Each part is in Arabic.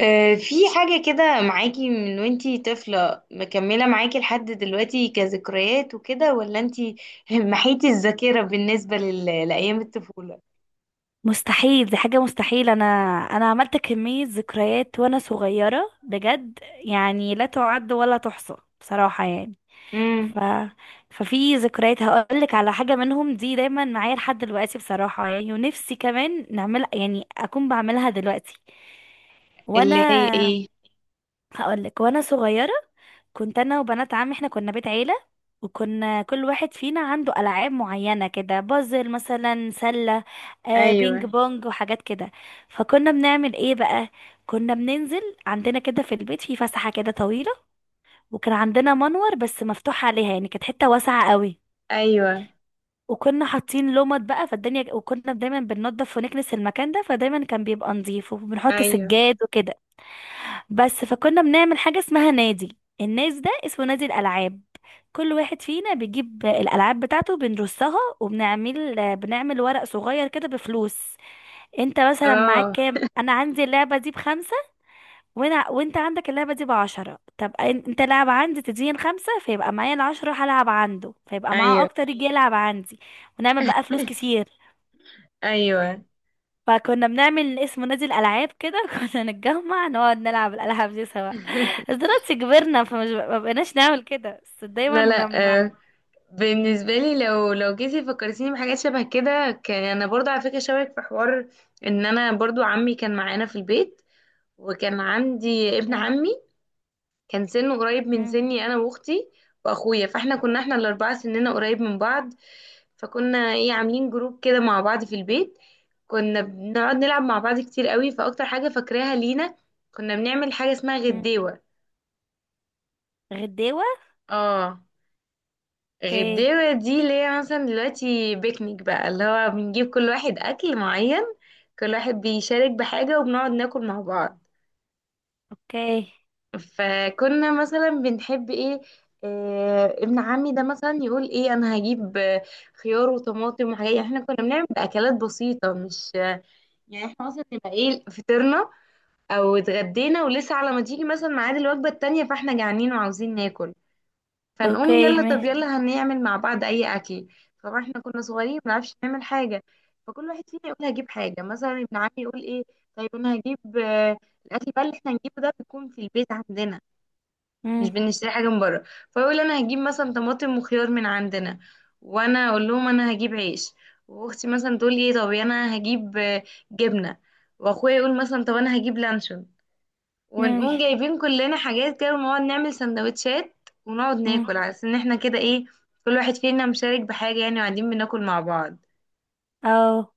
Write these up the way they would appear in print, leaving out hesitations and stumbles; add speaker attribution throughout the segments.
Speaker 1: في حاجة كده معاكي من وانتي طفلة مكملة معاكي لحد دلوقتي كذكريات وكده، ولا انتي محيتي الذاكرة بالنسبة لأيام الطفولة؟
Speaker 2: مستحيل، دي حاجة مستحيل. انا عملت كمية ذكريات وانا صغيرة، بجد يعني لا تعد ولا تحصى، بصراحة يعني.
Speaker 1: امم.
Speaker 2: ف ففي ذكريات، هقولك على حاجة منهم دي دايما معايا لحد دلوقتي بصراحة، يعني. ونفسي كمان نعمل، يعني اكون بعملها دلوقتي. وانا
Speaker 1: اللي هي ايه؟
Speaker 2: هقولك، وانا صغيرة كنت انا وبنات عمي، احنا كنا بيت عيله. وكنا كل واحد فينا عنده العاب معينه كده، بازل مثلا، سله، آه، بينج
Speaker 1: ايوه.
Speaker 2: بونج، وحاجات كده. فكنا بنعمل ايه بقى؟ كنا بننزل عندنا كده في البيت، في فسحه كده طويله، وكان عندنا منور بس مفتوح عليها، يعني كانت حته واسعه قوي.
Speaker 1: ايوه.
Speaker 2: وكنا حاطين لمط بقى فالدنيا، وكنا دايما بننضف ونكنس المكان ده، فدايما كان بيبقى نظيف، وبنحط
Speaker 1: ايوه.
Speaker 2: سجاد وكده. بس فكنا بنعمل حاجة اسمها نادي، الناس ده اسمه نادي الألعاب. كل واحد فينا بيجيب الألعاب بتاعته، بنرصها، وبنعمل ورق صغير كده بفلوس. انت مثلا معاك
Speaker 1: اه.
Speaker 2: كام؟ انا عندي اللعبة دي بـ5، وانت عندك اللعبة دي بـ10. طب انت لعب عندي، تديني الـ5، فيبقى معايا الـ10، هلعب عنده، فيبقى معاه
Speaker 1: ايوه.
Speaker 2: اكتر، يجي يلعب عندي. ونعمل بقى فلوس كتير.
Speaker 1: ايوه.
Speaker 2: فكنا بنعمل اسمه نادي الألعاب كده كنا نتجمع، نقعد نلعب الألعاب دي سوا. بس دلوقتي كبرنا، فمش ما بقيناش نعمل كده. بس دايما
Speaker 1: لا، لا.
Speaker 2: لما.
Speaker 1: آه،
Speaker 2: مم.
Speaker 1: بالنسبه لي، لو جيتي فكرتيني بحاجات شبه كده، كان انا برضو على فكره شبهك في حوار. انا برضو عمي كان معانا في البيت، وكان عندي ابن
Speaker 2: اوكي.
Speaker 1: عمي كان سنه قريب من
Speaker 2: مم.
Speaker 1: سني انا واختي واخويا. فاحنا كنا
Speaker 2: اوكي.
Speaker 1: احنا الاربعه سننا قريب من بعض، فكنا ايه عاملين جروب كده مع بعض في البيت. كنا بنقعد نلعب مع بعض كتير قوي. فاكتر حاجه فاكراها لينا، كنا بنعمل حاجه اسمها
Speaker 2: مم.
Speaker 1: غديوه.
Speaker 2: غديوة.
Speaker 1: اه،
Speaker 2: اوكي.
Speaker 1: غديوه دي اللي هي مثلا دلوقتي بيكنيك بقى، اللي هو بنجيب كل واحد اكل معين. كل واحد بيشارك بحاجه وبنقعد ناكل مع بعض.
Speaker 2: اوكي.
Speaker 1: فكنا مثلا بنحب ايه، ابن عمي ده مثلا يقول ايه، انا هجيب خيار وطماطم وحاجات. يعني احنا كنا بنعمل اكلات بسيطه، مش يعني احنا مثلا نبقى ايه فطرنا او اتغدينا، ولسه على ما تيجي مثلا ميعاد الوجبه التانيه فاحنا جعانين وعاوزين ناكل، فنقوم
Speaker 2: اوكي
Speaker 1: يلا، طب
Speaker 2: ماشي.
Speaker 1: يلا هنعمل مع بعض اي اكل. طبعا احنا كنا صغيرين ما بنعرفش نعمل حاجه، فكل واحد فينا يقول هجيب حاجه. مثلا ابن عمي يقول ايه، طيب انا هجيب الاكل بقى اللي احنا هنجيبه ده بيكون في البيت عندنا، مش
Speaker 2: مم.
Speaker 1: بنشتري حاجه من بره. فيقول انا هجيب مثلا طماطم وخيار من عندنا، وانا اقول لهم انا هجيب عيش، واختي مثلا تقول لي طب انا هجيب جبنه، واخويا يقول مثلا طب انا هجيب لانشون.
Speaker 2: مم.
Speaker 1: ونقوم جايبين كلنا حاجات كده ونقعد نعمل سندوتشات ونقعد
Speaker 2: مم.
Speaker 1: ناكل، على اساس ان احنا كده ايه كل واحد فينا مشارك بحاجه يعني، وقاعدين بناكل مع بعض.
Speaker 2: اه.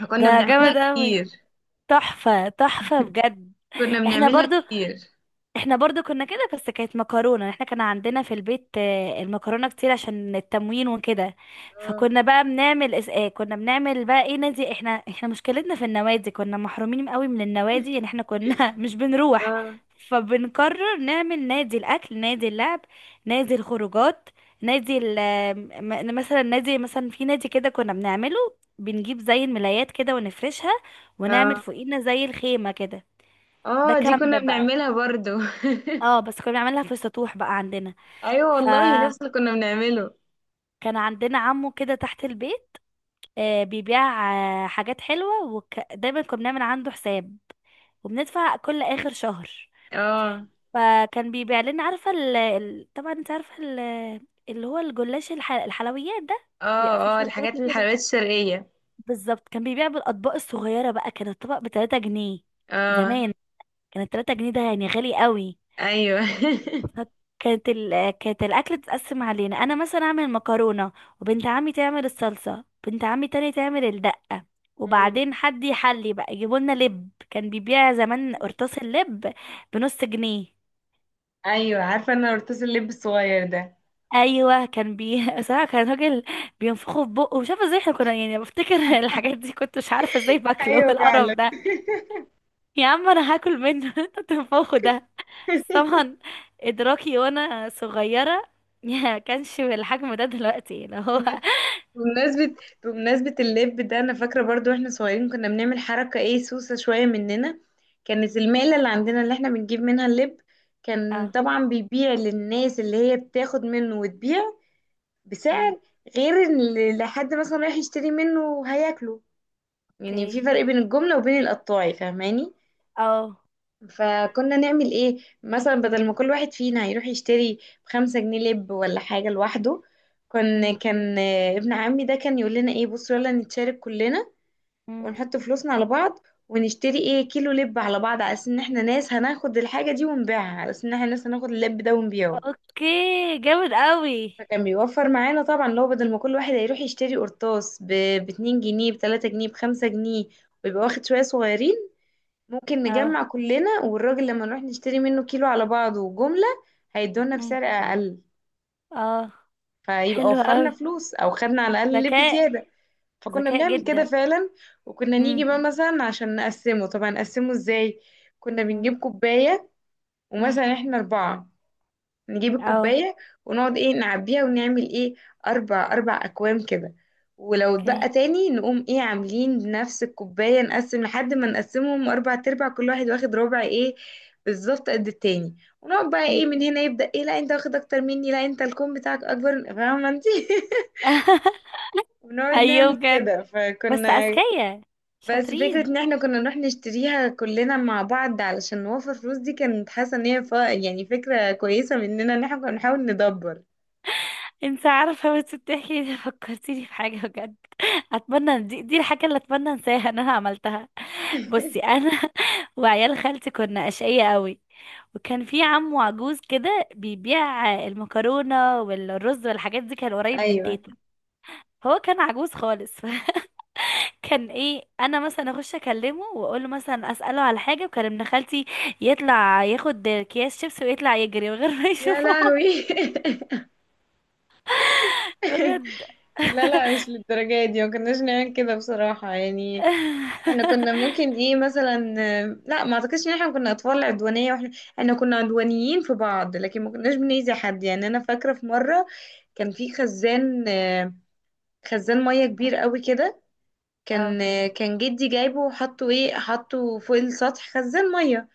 Speaker 1: فكنا
Speaker 2: ده جامد
Speaker 1: بنعملها
Speaker 2: اوي،
Speaker 1: كتير.
Speaker 2: تحفة، تحفة بجد.
Speaker 1: كنا
Speaker 2: احنا
Speaker 1: بنعملها
Speaker 2: برضو
Speaker 1: كتير.
Speaker 2: احنا برضو كنا كده، بس كانت مكرونة، احنا كان عندنا في البيت، المكرونة كتير عشان التموين وكده.
Speaker 1: اه.
Speaker 2: فكنا بقى بنعمل كنا بنعمل بقى ايه، نادي. احنا مشكلتنا في النوادي، كنا محرومين قوي من النوادي، يعني احنا كنا مش بنروح.
Speaker 1: اه.
Speaker 2: فبنقرر نعمل نادي الاكل، نادي اللعب، نادي الخروجات، نادي مثلا نادي، في نادي كده كنا بنعمله. بنجيب زي الملايات كده ونفرشها، ونعمل
Speaker 1: اه.
Speaker 2: فوقينا زي الخيمة كده. ده
Speaker 1: دي كنا
Speaker 2: كامب بقى.
Speaker 1: بنعملها برضو.
Speaker 2: اه، بس كنا بنعملها في السطوح بقى عندنا.
Speaker 1: ايوه والله،
Speaker 2: فكان
Speaker 1: نفس اللي كنا بنعمله.
Speaker 2: عندنا عمو كده تحت البيت، آه، بيبيع آه حاجات حلوة، ودايما كنا بنعمل عنده حساب وبندفع كل آخر شهر.
Speaker 1: اه.
Speaker 2: فكان بيبيع لنا، عارفة طبعا انت عارفة اللي هو الجلاش، الحلويات ده،
Speaker 1: اه
Speaker 2: اللي بيبقى فيه
Speaker 1: اه،
Speaker 2: شربات
Speaker 1: الحاجات
Speaker 2: وكده.
Speaker 1: الحلويات الشرقية.
Speaker 2: بالظبط. كان بيبيع بالأطباق الصغيرة بقى، كان الطبق بـ3 جنيه
Speaker 1: اه.
Speaker 2: زمان. كان الـ3 جنيه ده يعني غالي قوي.
Speaker 1: ايوه.
Speaker 2: كانت الاكل تتقسم علينا، انا مثلا اعمل مكرونه، وبنت عمي تعمل الصلصه، بنت عمي تاني تعمل الدقه،
Speaker 1: ايوه.
Speaker 2: وبعدين حد يحلي بقى. يجيبوا لنا لب، كان بيبيع زمان قرطاس اللب بنص جنيه.
Speaker 1: ايوه، عارفة انا القرطاس اللب الصغير ده.
Speaker 2: ايوه، كان بي صراحه كان راجل بينفخه في بقه، مش عارفه ازاي احنا كنا، يعني بفتكر الحاجات دي كنت مش عارفه ازاي باكله
Speaker 1: ايوه
Speaker 2: القرف
Speaker 1: فعلا.
Speaker 2: ده. يا عم، انا هاكل منه انت بتنفخه ده؟ بس طبعا ادراكي وانا صغيره ما كانش بالحجم ده دلوقتي اللي هو.
Speaker 1: ب- بمناسبة بمناسبة اللب ده انا فاكرة برضو، واحنا صغيرين كنا بنعمل حركة ايه سوسة شوية مننا. كانت المقلة اللي عندنا اللي احنا بنجيب منها اللب، كان
Speaker 2: اه.
Speaker 1: طبعا بيبيع للناس اللي هي بتاخد منه وتبيع
Speaker 2: مم.
Speaker 1: بسعر غير اللي حد مثلا رايح يشتري منه وهياكله. يعني
Speaker 2: اوكي.
Speaker 1: في فرق بين الجملة وبين القطاعي، فاهماني.
Speaker 2: اه.
Speaker 1: فكنا نعمل ايه، مثلا
Speaker 2: مم.
Speaker 1: بدل ما كل واحد فينا يروح يشتري ب 5 جنيه لب ولا حاجة لوحده، كان
Speaker 2: مم.
Speaker 1: كان ابن عمي ده كان يقول لنا ايه، بصوا يلا نتشارك كلنا
Speaker 2: مم.
Speaker 1: ونحط فلوسنا على بعض ونشتري ايه كيلو لب على بعض، على اساس ان احنا ناس هناخد الحاجة دي ونبيعها، على اساس ان احنا ناس هناخد اللب ده ونبيعه.
Speaker 2: اوكي. جامد قوي.
Speaker 1: فكان بيوفر معانا طبعا، لو بدل ما كل واحد هيروح يشتري قرطاس ب 2 جنيه، ب 3 جنيه، ب 5 جنيه، ويبقى واخد شوية صغيرين، ممكن
Speaker 2: اه.
Speaker 1: نجمع كلنا والراجل لما نروح نشتري منه كيلو على بعضه وجملة، هيدونا
Speaker 2: مم.
Speaker 1: بسعر أقل.
Speaker 2: اه،
Speaker 1: فيبقى
Speaker 2: حلو
Speaker 1: وفرنا
Speaker 2: قوي،
Speaker 1: فلوس، أو خدنا على الأقل لب
Speaker 2: ذكاء،
Speaker 1: زيادة. فكنا
Speaker 2: ذكاء
Speaker 1: بنعمل كده
Speaker 2: جدا.
Speaker 1: فعلا. وكنا نيجي
Speaker 2: مم.
Speaker 1: بقى مثلا عشان نقسمه، طبعا نقسمه ازاي؟ كنا
Speaker 2: مم.
Speaker 1: بنجيب كوباية،
Speaker 2: مم.
Speaker 1: ومثلا احنا أربعة، نجيب
Speaker 2: اه.
Speaker 1: الكوباية ونقعد ايه نعبيها ونعمل ايه، اربع اربع اكوام كده. ولو
Speaker 2: اوكي.
Speaker 1: اتبقى تاني نقوم ايه عاملين بنفس الكوباية نقسم لحد ما نقسمهم اربع تربع، كل واحد واخد ربع ايه بالظبط قد التاني. ونقعد بقى
Speaker 2: مم.
Speaker 1: ايه من هنا يبدأ ايه، لا انت واخد اكتر مني، لا انت الكوم بتاعك اكبر، فاهمة انت؟ ونقعد
Speaker 2: ايوه
Speaker 1: نعمل
Speaker 2: بجد،
Speaker 1: كده
Speaker 2: بس
Speaker 1: فكنا.
Speaker 2: اذكياء،
Speaker 1: بس فكرة
Speaker 2: شاطرين.
Speaker 1: ان احنا كنا نروح نشتريها كلنا مع بعض علشان نوفر فلوس، دي كانت حاسة ان هي يعني فكرة كويسة مننا، ان احنا كنا بنحاول ندبر.
Speaker 2: انت عارفة بس بتحكي دي، فكرتيني في حاجة بجد اتمنى دي الحاجة اللي اتمنى انساها ان انا عملتها. بصي، انا وعيال خالتي كنا اشقية قوي. وكان في عمو عجوز كده بيبيع المكرونة والرز والحاجات دي، كان قريب من
Speaker 1: ايوه.
Speaker 2: تيتا. هو كان عجوز خالص كان ايه، انا مثلا اخش اكلمه واقول له مثلا، اساله على حاجه، وكان ابن خالتي يطلع ياخد اكياس شيبس، ويطلع يجري من غير ما
Speaker 1: يا
Speaker 2: يشوفه.
Speaker 1: لهوي.
Speaker 2: بجد.
Speaker 1: لا لا، مش للدرجة دي. ما كناش نعمل كده بصراحة يعني. احنا كنا ممكن ايه مثلا، لا ما اعتقدش ان احنا كنا اطفال عدوانية. واحنا احنا كنا عدوانيين في بعض، لكن ما كناش بنأذي حد. يعني انا فاكرة في مرة، كان في خزان، خزان مية كبير قوي كده،
Speaker 2: اه.
Speaker 1: كان كان جدي جايبه وحطه ايه حطه فوق السطح، خزان مية.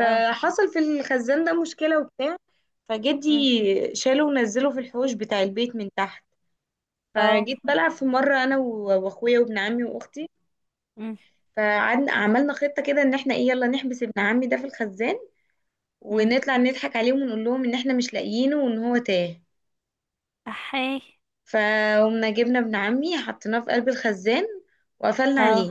Speaker 2: اه.
Speaker 1: في الخزان ده مشكلة وبتاع، فجدي
Speaker 2: مم.
Speaker 1: شاله ونزله في الحوش بتاع البيت من تحت.
Speaker 2: اه.
Speaker 1: فجيت بلعب في مرة أنا وأخويا وابن عمي وأختي،
Speaker 2: مم.
Speaker 1: فقعدنا عملنا خطة كده إن إحنا إيه يلا نحبس ابن عمي ده في الخزان،
Speaker 2: مم.
Speaker 1: ونطلع نضحك عليهم ونقول لهم إن إحنا مش لاقيينه وإن هو تاه.
Speaker 2: احي.
Speaker 1: فقمنا جبنا ابن عمي حطيناه في قلب الخزان، وقفلنا
Speaker 2: اه.
Speaker 1: عليه،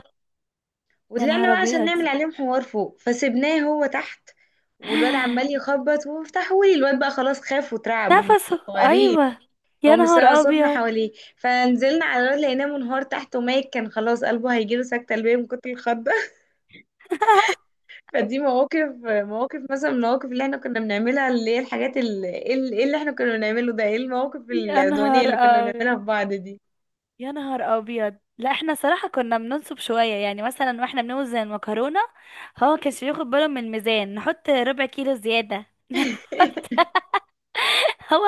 Speaker 2: يا
Speaker 1: وطلعنا
Speaker 2: نهار
Speaker 1: بقى عشان
Speaker 2: ابيض.
Speaker 1: نعمل عليهم حوار فوق فسيبناه هو تحت. والواد عمال يخبط وافتحولي، الواد بقى خلاص خاف وترعب، ما احنا
Speaker 2: نفسه.
Speaker 1: كنا صغيرين،
Speaker 2: ايوه،
Speaker 1: هو
Speaker 2: يا
Speaker 1: مش
Speaker 2: نهار
Speaker 1: سامع صوتنا
Speaker 2: ابيض.
Speaker 1: حواليه. فنزلنا على الواد لقيناه منهار تحت وميت، كان خلاص قلبه هيجيله سكتة قلبية من كتر الخضة. فدي مواقف، مواقف مثلا من المواقف اللي احنا كنا بنعملها، اللي هي الحاجات اللي, ايه اللي اللي احنا كنا بنعمله ده، ايه المواقف
Speaker 2: يا
Speaker 1: العدوانية
Speaker 2: نهار
Speaker 1: اللي كنا
Speaker 2: أبيض،
Speaker 1: بنعملها في بعض دي.
Speaker 2: يا نهار أبيض. لا احنا صراحة كنا بننصب شوية، يعني مثلا واحنا بنوزن المكرونة هو ما كانش بياخد باله من الميزان، نحط ربع كيلو زيادة نحط. هو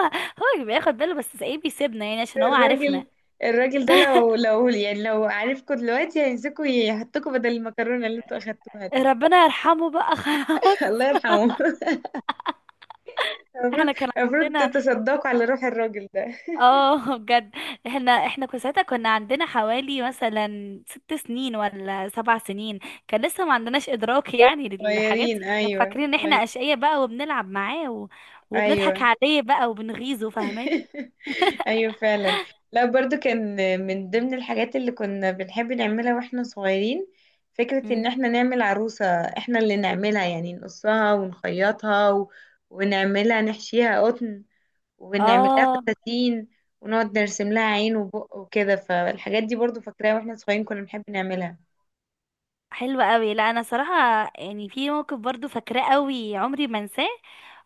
Speaker 2: هو بياخد باله، بس ايه، بيسيبنا يعني عشان هو
Speaker 1: الراجل
Speaker 2: عارفنا.
Speaker 1: الراجل ده لو يعني لو عارفكوا دلوقتي هيمسكوا يحطكوا بدل المكرونة اللي انتوا اخدتوها دي.
Speaker 2: ربنا يرحمه بقى خلاص.
Speaker 1: الله يرحمه. المفروض
Speaker 2: احنا كان
Speaker 1: المفروض
Speaker 2: عندنا.
Speaker 1: تتصدقوا على روح الراجل ده.
Speaker 2: اه بجد. احنا كنا ساعتها كنا عندنا حوالي مثلا 6 سنين ولا 7 سنين. كان لسه ما عندناش ادراك يعني للحاجات
Speaker 1: صغيرين
Speaker 2: دي، احنا
Speaker 1: ايوه،
Speaker 2: فاكرين ان احنا اشقياء بقى وبنلعب معاه و... وبنضحك
Speaker 1: ايوه.
Speaker 2: عليه بقى وبنغيظه، فاهماني.
Speaker 1: ايوه فعلا. لا برضو كان من ضمن الحاجات اللي كنا بنحب نعملها واحنا صغيرين، فكرة ان
Speaker 2: مم.
Speaker 1: احنا نعمل عروسة احنا اللي نعملها، يعني نقصها ونخيطها و... ونعملها نحشيها قطن، وبنعمل لها
Speaker 2: اه.
Speaker 1: فساتين، ونقعد نرسم لها عين وبق وكده. فالحاجات دي برضو فاكراها واحنا صغيرين كنا بنحب نعملها.
Speaker 2: حلوة قوي. لا انا صراحة، يعني في موقف برضو فاكراه قوي عمري ما انساه.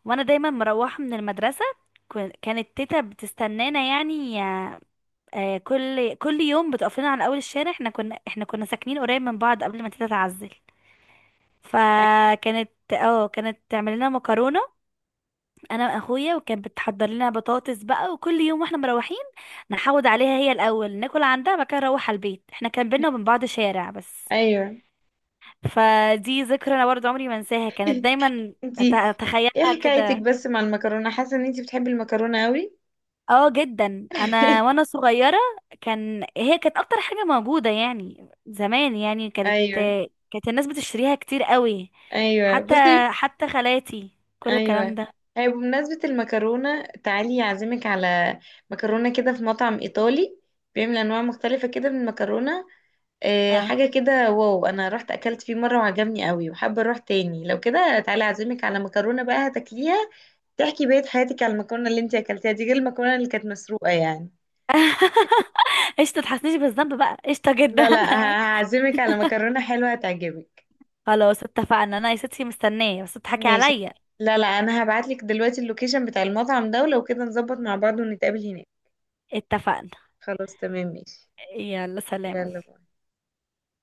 Speaker 2: وانا دايما مروحة من المدرسة، كانت تيتا بتستنانا يعني. آه، كل يوم بتقف لنا على اول الشارع. احنا كنا ساكنين قريب من بعض قبل ما تيتا تعزل. فكانت، اه، كانت تعمل لنا مكرونه، انا واخويا، وكانت بتحضر لنا بطاطس بقى. وكل يوم واحنا مروحين نحوض عليها هي الاول، ناكل عندها، بعد كده نروح على البيت. احنا كان بينا وبين بعض شارع بس.
Speaker 1: ايوه.
Speaker 2: فدي ذكرى انا برضه عمري ما انساها، كانت دايما
Speaker 1: انتي ايه
Speaker 2: اتخيلها
Speaker 1: حكايتك
Speaker 2: كده.
Speaker 1: بس مع المكرونه، حاسه ان انتي بتحبي المكرونه قوي.
Speaker 2: اه جدا، انا وانا صغيره كان هي كانت اكتر حاجه موجوده يعني زمان. يعني كانت
Speaker 1: ايوه.
Speaker 2: كانت الناس بتشتريها كتير قوي.
Speaker 1: ايوه
Speaker 2: حتى
Speaker 1: بصي.
Speaker 2: حتى خالاتي، كل الكلام
Speaker 1: ايوه
Speaker 2: ده.
Speaker 1: هي، بمناسبة المكرونة، تعالي اعزمك على مكرونة كده في مطعم ايطالي بيعمل انواع مختلفة كده من المكرونة.
Speaker 2: اه.
Speaker 1: حاجة كده واو، انا رحت اكلت فيه مرة وعجبني قوي، وحابة اروح تاني. لو كده تعالي اعزمك على مكرونة بقى هتاكليها، تحكي بقية حياتك على المكرونة اللي انت اكلتيها دي، غير المكرونة اللي كانت مسروقة يعني.
Speaker 2: قشطه، تحسنيش بالذنب بقى، قشطه جدا.
Speaker 1: لا لا، هعزمك على مكرونة حلوة هتعجبك.
Speaker 2: خلاص اتفقنا، انا يا ستي مستنيه، بس تضحكي
Speaker 1: ماشي.
Speaker 2: عليا.
Speaker 1: لا لا، انا هبعتلك دلوقتي اللوكيشن بتاع المطعم ده، ولو كده نظبط مع بعض ونتقابل هناك.
Speaker 2: اتفقنا.
Speaker 1: خلاص تمام ماشي.
Speaker 2: يلا سلام.
Speaker 1: يلا.